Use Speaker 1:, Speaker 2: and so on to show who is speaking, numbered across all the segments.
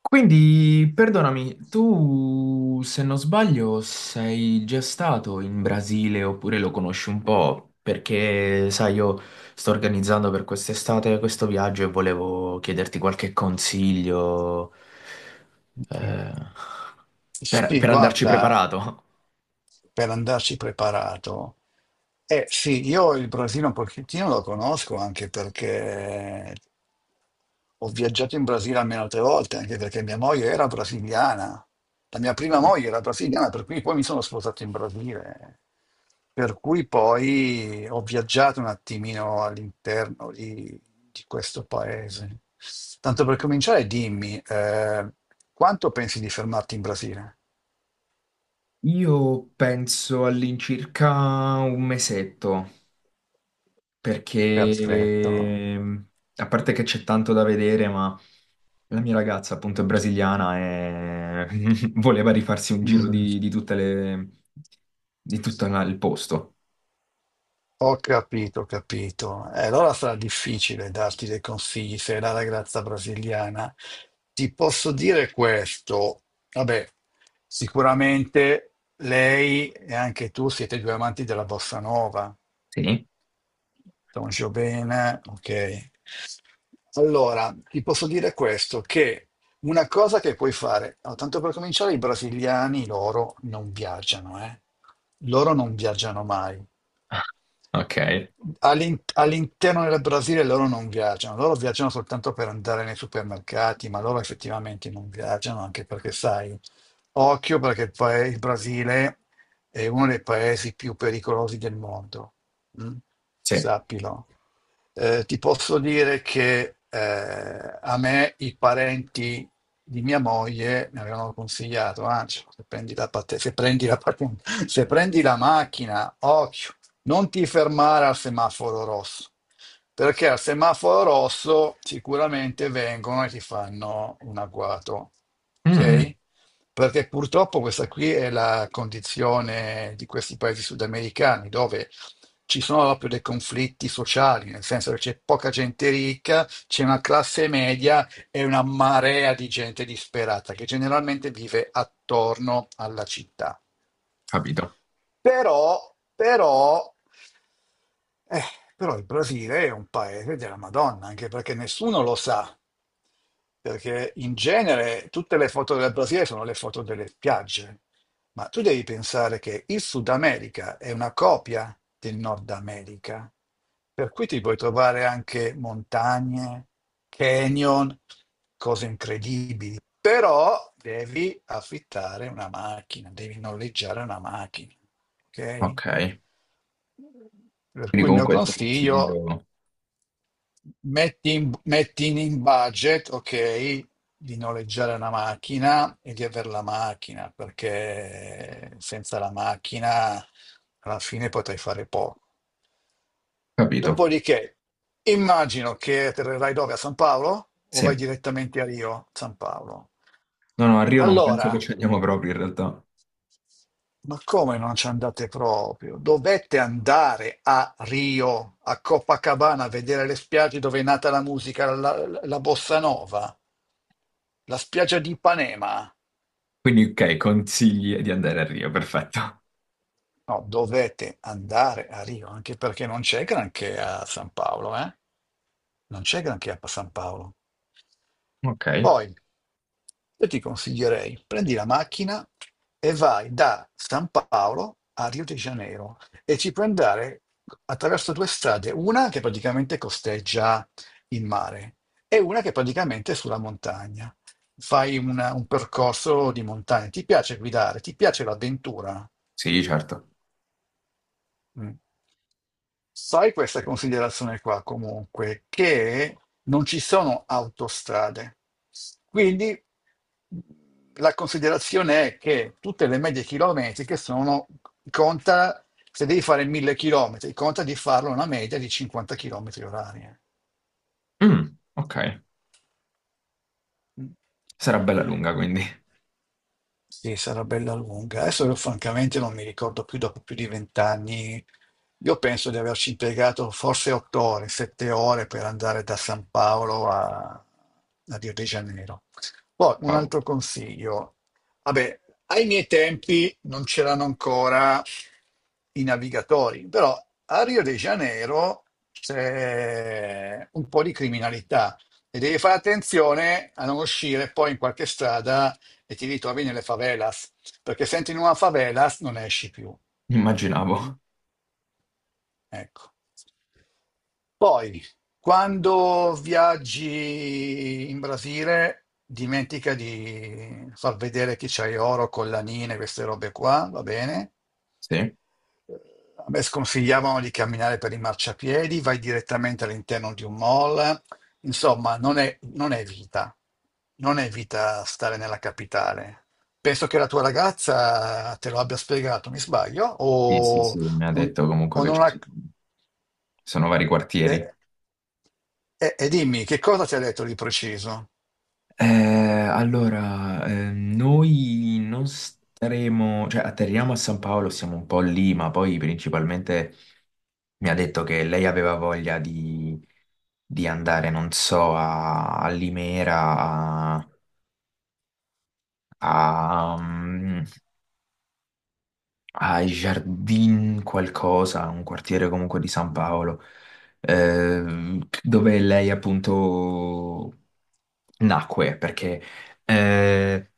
Speaker 1: Quindi, perdonami, tu, se non sbaglio, sei già stato in Brasile oppure lo conosci un po'? Perché, sai, io sto organizzando per quest'estate questo viaggio e volevo chiederti qualche consiglio,
Speaker 2: Mm.
Speaker 1: eh, per,
Speaker 2: Sì,
Speaker 1: per andarci
Speaker 2: guarda.
Speaker 1: preparato.
Speaker 2: Per andarci preparato. Eh sì, io il Brasile un pochettino lo conosco anche perché ho viaggiato in Brasile almeno altre volte, anche perché mia moglie era brasiliana. La mia prima
Speaker 1: No.
Speaker 2: moglie era brasiliana, per cui poi mi sono sposato in Brasile. Per cui poi ho viaggiato un attimino all'interno di questo paese. Tanto per cominciare, dimmi, quanto pensi di fermarti in Brasile?
Speaker 1: Io penso all'incirca un mesetto,
Speaker 2: Perfetto.
Speaker 1: perché a parte che c'è tanto da vedere, ma... La mia ragazza, appunto, è brasiliana e voleva rifarsi un giro
Speaker 2: Mm.
Speaker 1: di tutte le... di tutto il posto.
Speaker 2: Ho capito, ho capito. E allora sarà difficile darti dei consigli se è la ragazza brasiliana. Ti posso dire questo. Vabbè, sicuramente lei e anche tu siete due amanti della bossa nova.
Speaker 1: Sì.
Speaker 2: Toncio bene, ok. Allora, ti posso dire questo, che una cosa che puoi fare, no, tanto per cominciare, i brasiliani loro non viaggiano, eh. Loro non viaggiano mai.
Speaker 1: Ok.
Speaker 2: All'interno del Brasile loro non viaggiano, loro viaggiano soltanto per andare nei supermercati, ma loro effettivamente non viaggiano, anche perché sai, occhio perché il Brasile è uno dei paesi più pericolosi del mondo, mm?
Speaker 1: Sì.
Speaker 2: Sappilo. Ti posso dire che a me i parenti di mia moglie mi avevano consigliato, "Ancio, se prendi la pat- se prendi la pat- se prendi la macchina, occhio, non ti fermare al semaforo rosso, perché al semaforo rosso sicuramente vengono e ti fanno un agguato,
Speaker 1: Mm,
Speaker 2: ok? Perché purtroppo questa qui è la condizione di questi paesi sudamericani, dove ci sono proprio dei conflitti sociali, nel senso che c'è poca gente ricca, c'è una classe media e una marea di gente disperata che generalmente vive attorno alla città.
Speaker 1: capito.
Speaker 2: Però, però, eh, Però il Brasile è un paese della Madonna, anche perché nessuno lo sa, perché in genere tutte le foto del Brasile sono le foto delle spiagge. Ma tu devi pensare che il Sud America è una copia del Nord America, per cui ti puoi trovare anche montagne, canyon, cose incredibili. Però devi affittare una macchina, devi noleggiare una macchina, ok?
Speaker 1: Ok,
Speaker 2: Per
Speaker 1: quindi
Speaker 2: cui il mio
Speaker 1: comunque il tuo
Speaker 2: consiglio.
Speaker 1: consiglio...
Speaker 2: Metti in budget, ok, di noleggiare una macchina e di avere la macchina, perché senza la macchina alla fine potrai fare poco.
Speaker 1: Capito.
Speaker 2: Dopodiché, immagino che atterrerai dove? A San Paolo o
Speaker 1: Sì.
Speaker 2: vai
Speaker 1: No,
Speaker 2: direttamente a Rio, San Paolo?
Speaker 1: no, a Rio non penso che
Speaker 2: Allora,
Speaker 1: ci andiamo proprio in realtà.
Speaker 2: ma come non ci andate proprio? Dovete andare a Rio, a Copacabana, a vedere le spiagge dove è nata la musica, la bossa nova, la spiaggia di Ipanema.
Speaker 1: Quindi, ok, consigli di andare a Rio, perfetto.
Speaker 2: No, dovete andare a Rio, anche perché non c'è granché a San Paolo, eh? Non c'è granché a San Paolo.
Speaker 1: Ok,
Speaker 2: Poi io ti consiglierei, prendi la macchina e vai da San Paolo a Rio de Janeiro e ci puoi andare attraverso due strade, una che praticamente costeggia il mare e una che praticamente è sulla montagna. Fai un percorso di montagna. Ti piace guidare, ti piace l'avventura?
Speaker 1: sì, certo.
Speaker 2: Mm. Sai questa considerazione qua comunque, che non ci sono autostrade. Quindi la considerazione è che tutte le medie chilometriche sono, conta, se devi fare 1000 chilometri, conta di farlo una media di 50 chilometri orari, eh.
Speaker 1: Mm, ok,
Speaker 2: Mm.
Speaker 1: sarà bella lunga quindi.
Speaker 2: Sì, sarà bella lunga. Adesso io francamente non mi ricordo più dopo più di vent'anni. Io penso di averci impiegato forse 8 ore, 7 ore per andare da San Paolo a Rio de Janeiro. Poi un
Speaker 1: Wow,
Speaker 2: altro consiglio. Vabbè, ai miei tempi non c'erano ancora i navigatori, però a Rio de Janeiro c'è un po' di criminalità e devi fare attenzione a non uscire poi in qualche strada e ti ritrovi nelle favelas, perché se entri in una favelas non esci più. Mm?
Speaker 1: immaginavo.
Speaker 2: Ecco. Poi, quando viaggi in Brasile, dimentica di far vedere che c'hai oro, collanine, queste robe qua, va bene?
Speaker 1: Sì.
Speaker 2: A me sconsigliavano di camminare per i marciapiedi, vai direttamente all'interno di un mall. Insomma, non è vita. Non è vita stare nella capitale. Penso che la tua ragazza te lo abbia spiegato, mi sbaglio?
Speaker 1: Sì, sì, sì,
Speaker 2: O,
Speaker 1: mi ha detto comunque
Speaker 2: o
Speaker 1: che
Speaker 2: non ha.
Speaker 1: sono vari
Speaker 2: E,
Speaker 1: quartieri.
Speaker 2: e dimmi, che cosa ti ha detto di preciso?
Speaker 1: Allora, noi non staremo, cioè atterriamo a San Paolo, siamo un po' lì, ma poi principalmente mi ha detto che lei aveva voglia di andare, non so, a Limera, a, a, ai Jardin qualcosa, un quartiere comunque di San Paolo, dove lei appunto nacque perché eh,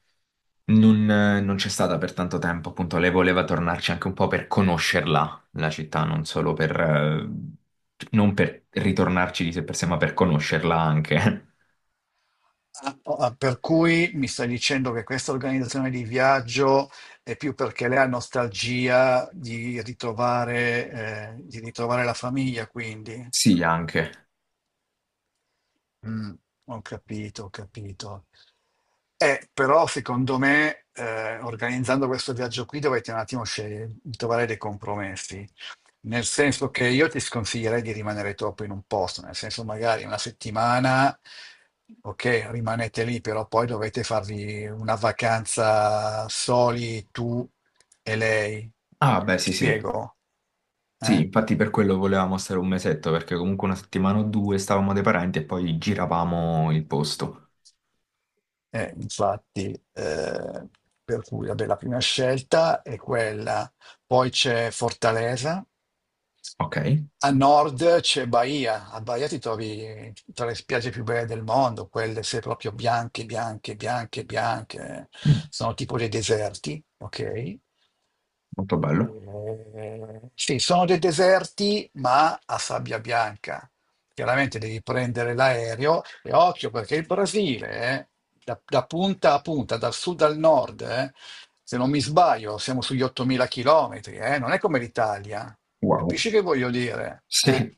Speaker 1: non c'è stata per tanto tempo, appunto, lei voleva tornarci anche un po' per conoscerla, la città, non solo per, non per ritornarci di sé per sé, ma per conoscerla anche.
Speaker 2: Ah, oh, ah, per cui mi stai dicendo che questa organizzazione di viaggio è più perché lei ha nostalgia di ritrovare, di ritrovare la famiglia, quindi.
Speaker 1: Sì, anche.
Speaker 2: Mm, ho capito, ho capito. Però secondo me, organizzando questo viaggio qui dovete un attimo scegliere, trovare dei compromessi. Nel senso che io ti sconsiglierei di rimanere troppo in un posto, nel senso magari una settimana, ok, rimanete lì, però poi dovete farvi una vacanza soli tu e lei.
Speaker 1: Ah, beh, sì, sì.
Speaker 2: Spiego,
Speaker 1: Sì,
Speaker 2: eh?
Speaker 1: infatti per quello volevamo stare un mesetto, perché comunque una settimana o due stavamo dai parenti e poi giravamo il posto.
Speaker 2: Infatti, eh, per cui vabbè, la prima scelta è quella, poi c'è Fortaleza,
Speaker 1: Ok?
Speaker 2: a nord c'è Bahia, a Bahia ti trovi tra le spiagge più belle del mondo, quelle se proprio bianche, bianche, bianche, bianche,
Speaker 1: Mm,
Speaker 2: sono tipo dei deserti, ok?
Speaker 1: molto bello.
Speaker 2: Sì, sono dei deserti, ma a sabbia bianca. Chiaramente devi prendere l'aereo e occhio perché il Brasile, da punta a punta, dal sud al nord, se non mi sbaglio, siamo sugli 8.000 chilometri, non è come l'Italia.
Speaker 1: Wow.
Speaker 2: Capisci che voglio dire, eh?
Speaker 1: Sì,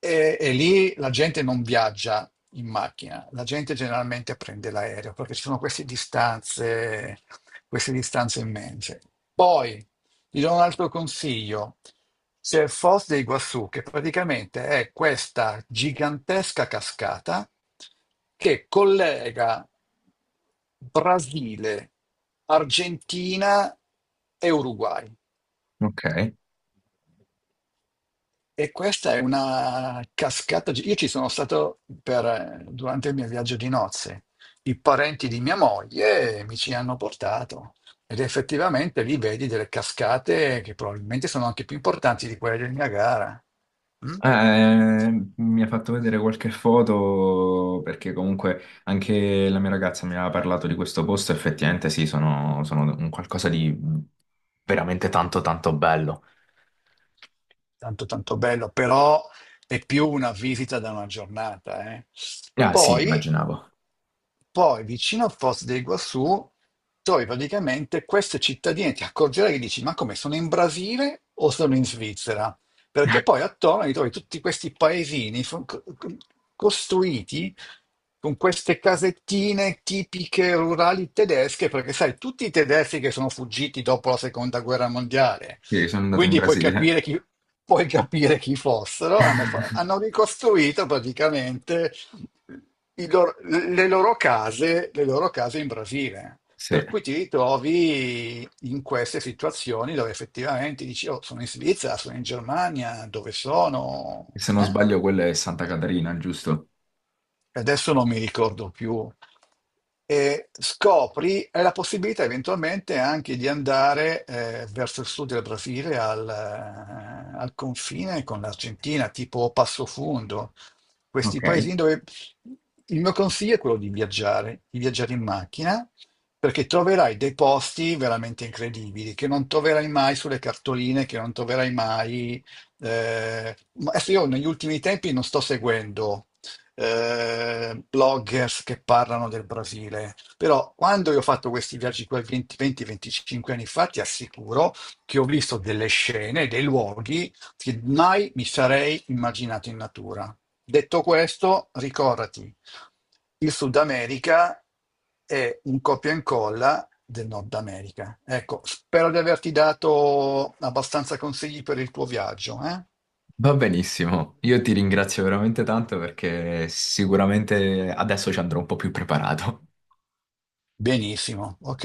Speaker 2: E lì la gente non viaggia in macchina, la gente generalmente prende l'aereo perché ci sono queste distanze immense. Poi ti do un altro consiglio. C'è il Foz de Iguazú, che praticamente è questa gigantesca cascata che collega Brasile, Argentina e Uruguay.
Speaker 1: ok.
Speaker 2: E questa è una cascata. Io ci sono stato durante il mio viaggio di nozze. I parenti di mia moglie mi ci hanno portato ed effettivamente lì vedi delle cascate che probabilmente sono anche più importanti di quelle del Niagara. Mm?
Speaker 1: Eh, mi ha fatto vedere qualche foto perché comunque anche la mia ragazza mi aveva parlato di questo posto, effettivamente sì, sono un qualcosa di veramente tanto tanto bello.
Speaker 2: Tanto tanto bello, però è più una visita da una giornata, eh.
Speaker 1: Ah sì,
Speaker 2: Poi,
Speaker 1: immaginavo.
Speaker 2: poi vicino a Foz del Iguaçu trovi praticamente queste cittadine, ti accorgerai che dici, ma come sono in Brasile o sono in Svizzera? Perché poi attorno li trovi tutti questi paesini costruiti con queste casettine tipiche rurali tedesche, perché sai, tutti i tedeschi che sono fuggiti dopo la seconda guerra mondiale,
Speaker 1: Sì, sono andato in
Speaker 2: quindi puoi
Speaker 1: Brasile,
Speaker 2: capire chi, puoi capire chi fossero, hanno ricostruito praticamente i loro- le loro case in Brasile.
Speaker 1: sì.
Speaker 2: Per
Speaker 1: E
Speaker 2: cui ti ritrovi in queste situazioni dove effettivamente dici, oh, sono in Svizzera, sono in Germania, dove sono?
Speaker 1: se non
Speaker 2: Eh?
Speaker 1: sbaglio quella è Santa Catarina, giusto?
Speaker 2: E adesso non mi ricordo più, e scopri hai la possibilità eventualmente anche di andare verso il sud del Brasile al confine con l'Argentina, tipo Passo Fundo, questi
Speaker 1: Ok.
Speaker 2: paesini dove il mio consiglio è quello di viaggiare in macchina, perché troverai dei posti veramente incredibili che non troverai mai sulle cartoline, che non troverai mai. Ma adesso io negli ultimi tempi non sto seguendo bloggers che parlano del Brasile. Però quando io ho fatto questi viaggi qua 20-25 anni fa, ti assicuro che ho visto delle scene, dei luoghi che mai mi sarei immaginato in natura. Detto questo, ricordati, il Sud America è un copia e incolla del Nord America. Ecco, spero di averti dato abbastanza consigli per il tuo viaggio, eh?
Speaker 1: Va benissimo, io ti ringrazio veramente tanto perché sicuramente adesso ci andrò un po' più preparato.
Speaker 2: Benissimo, ok.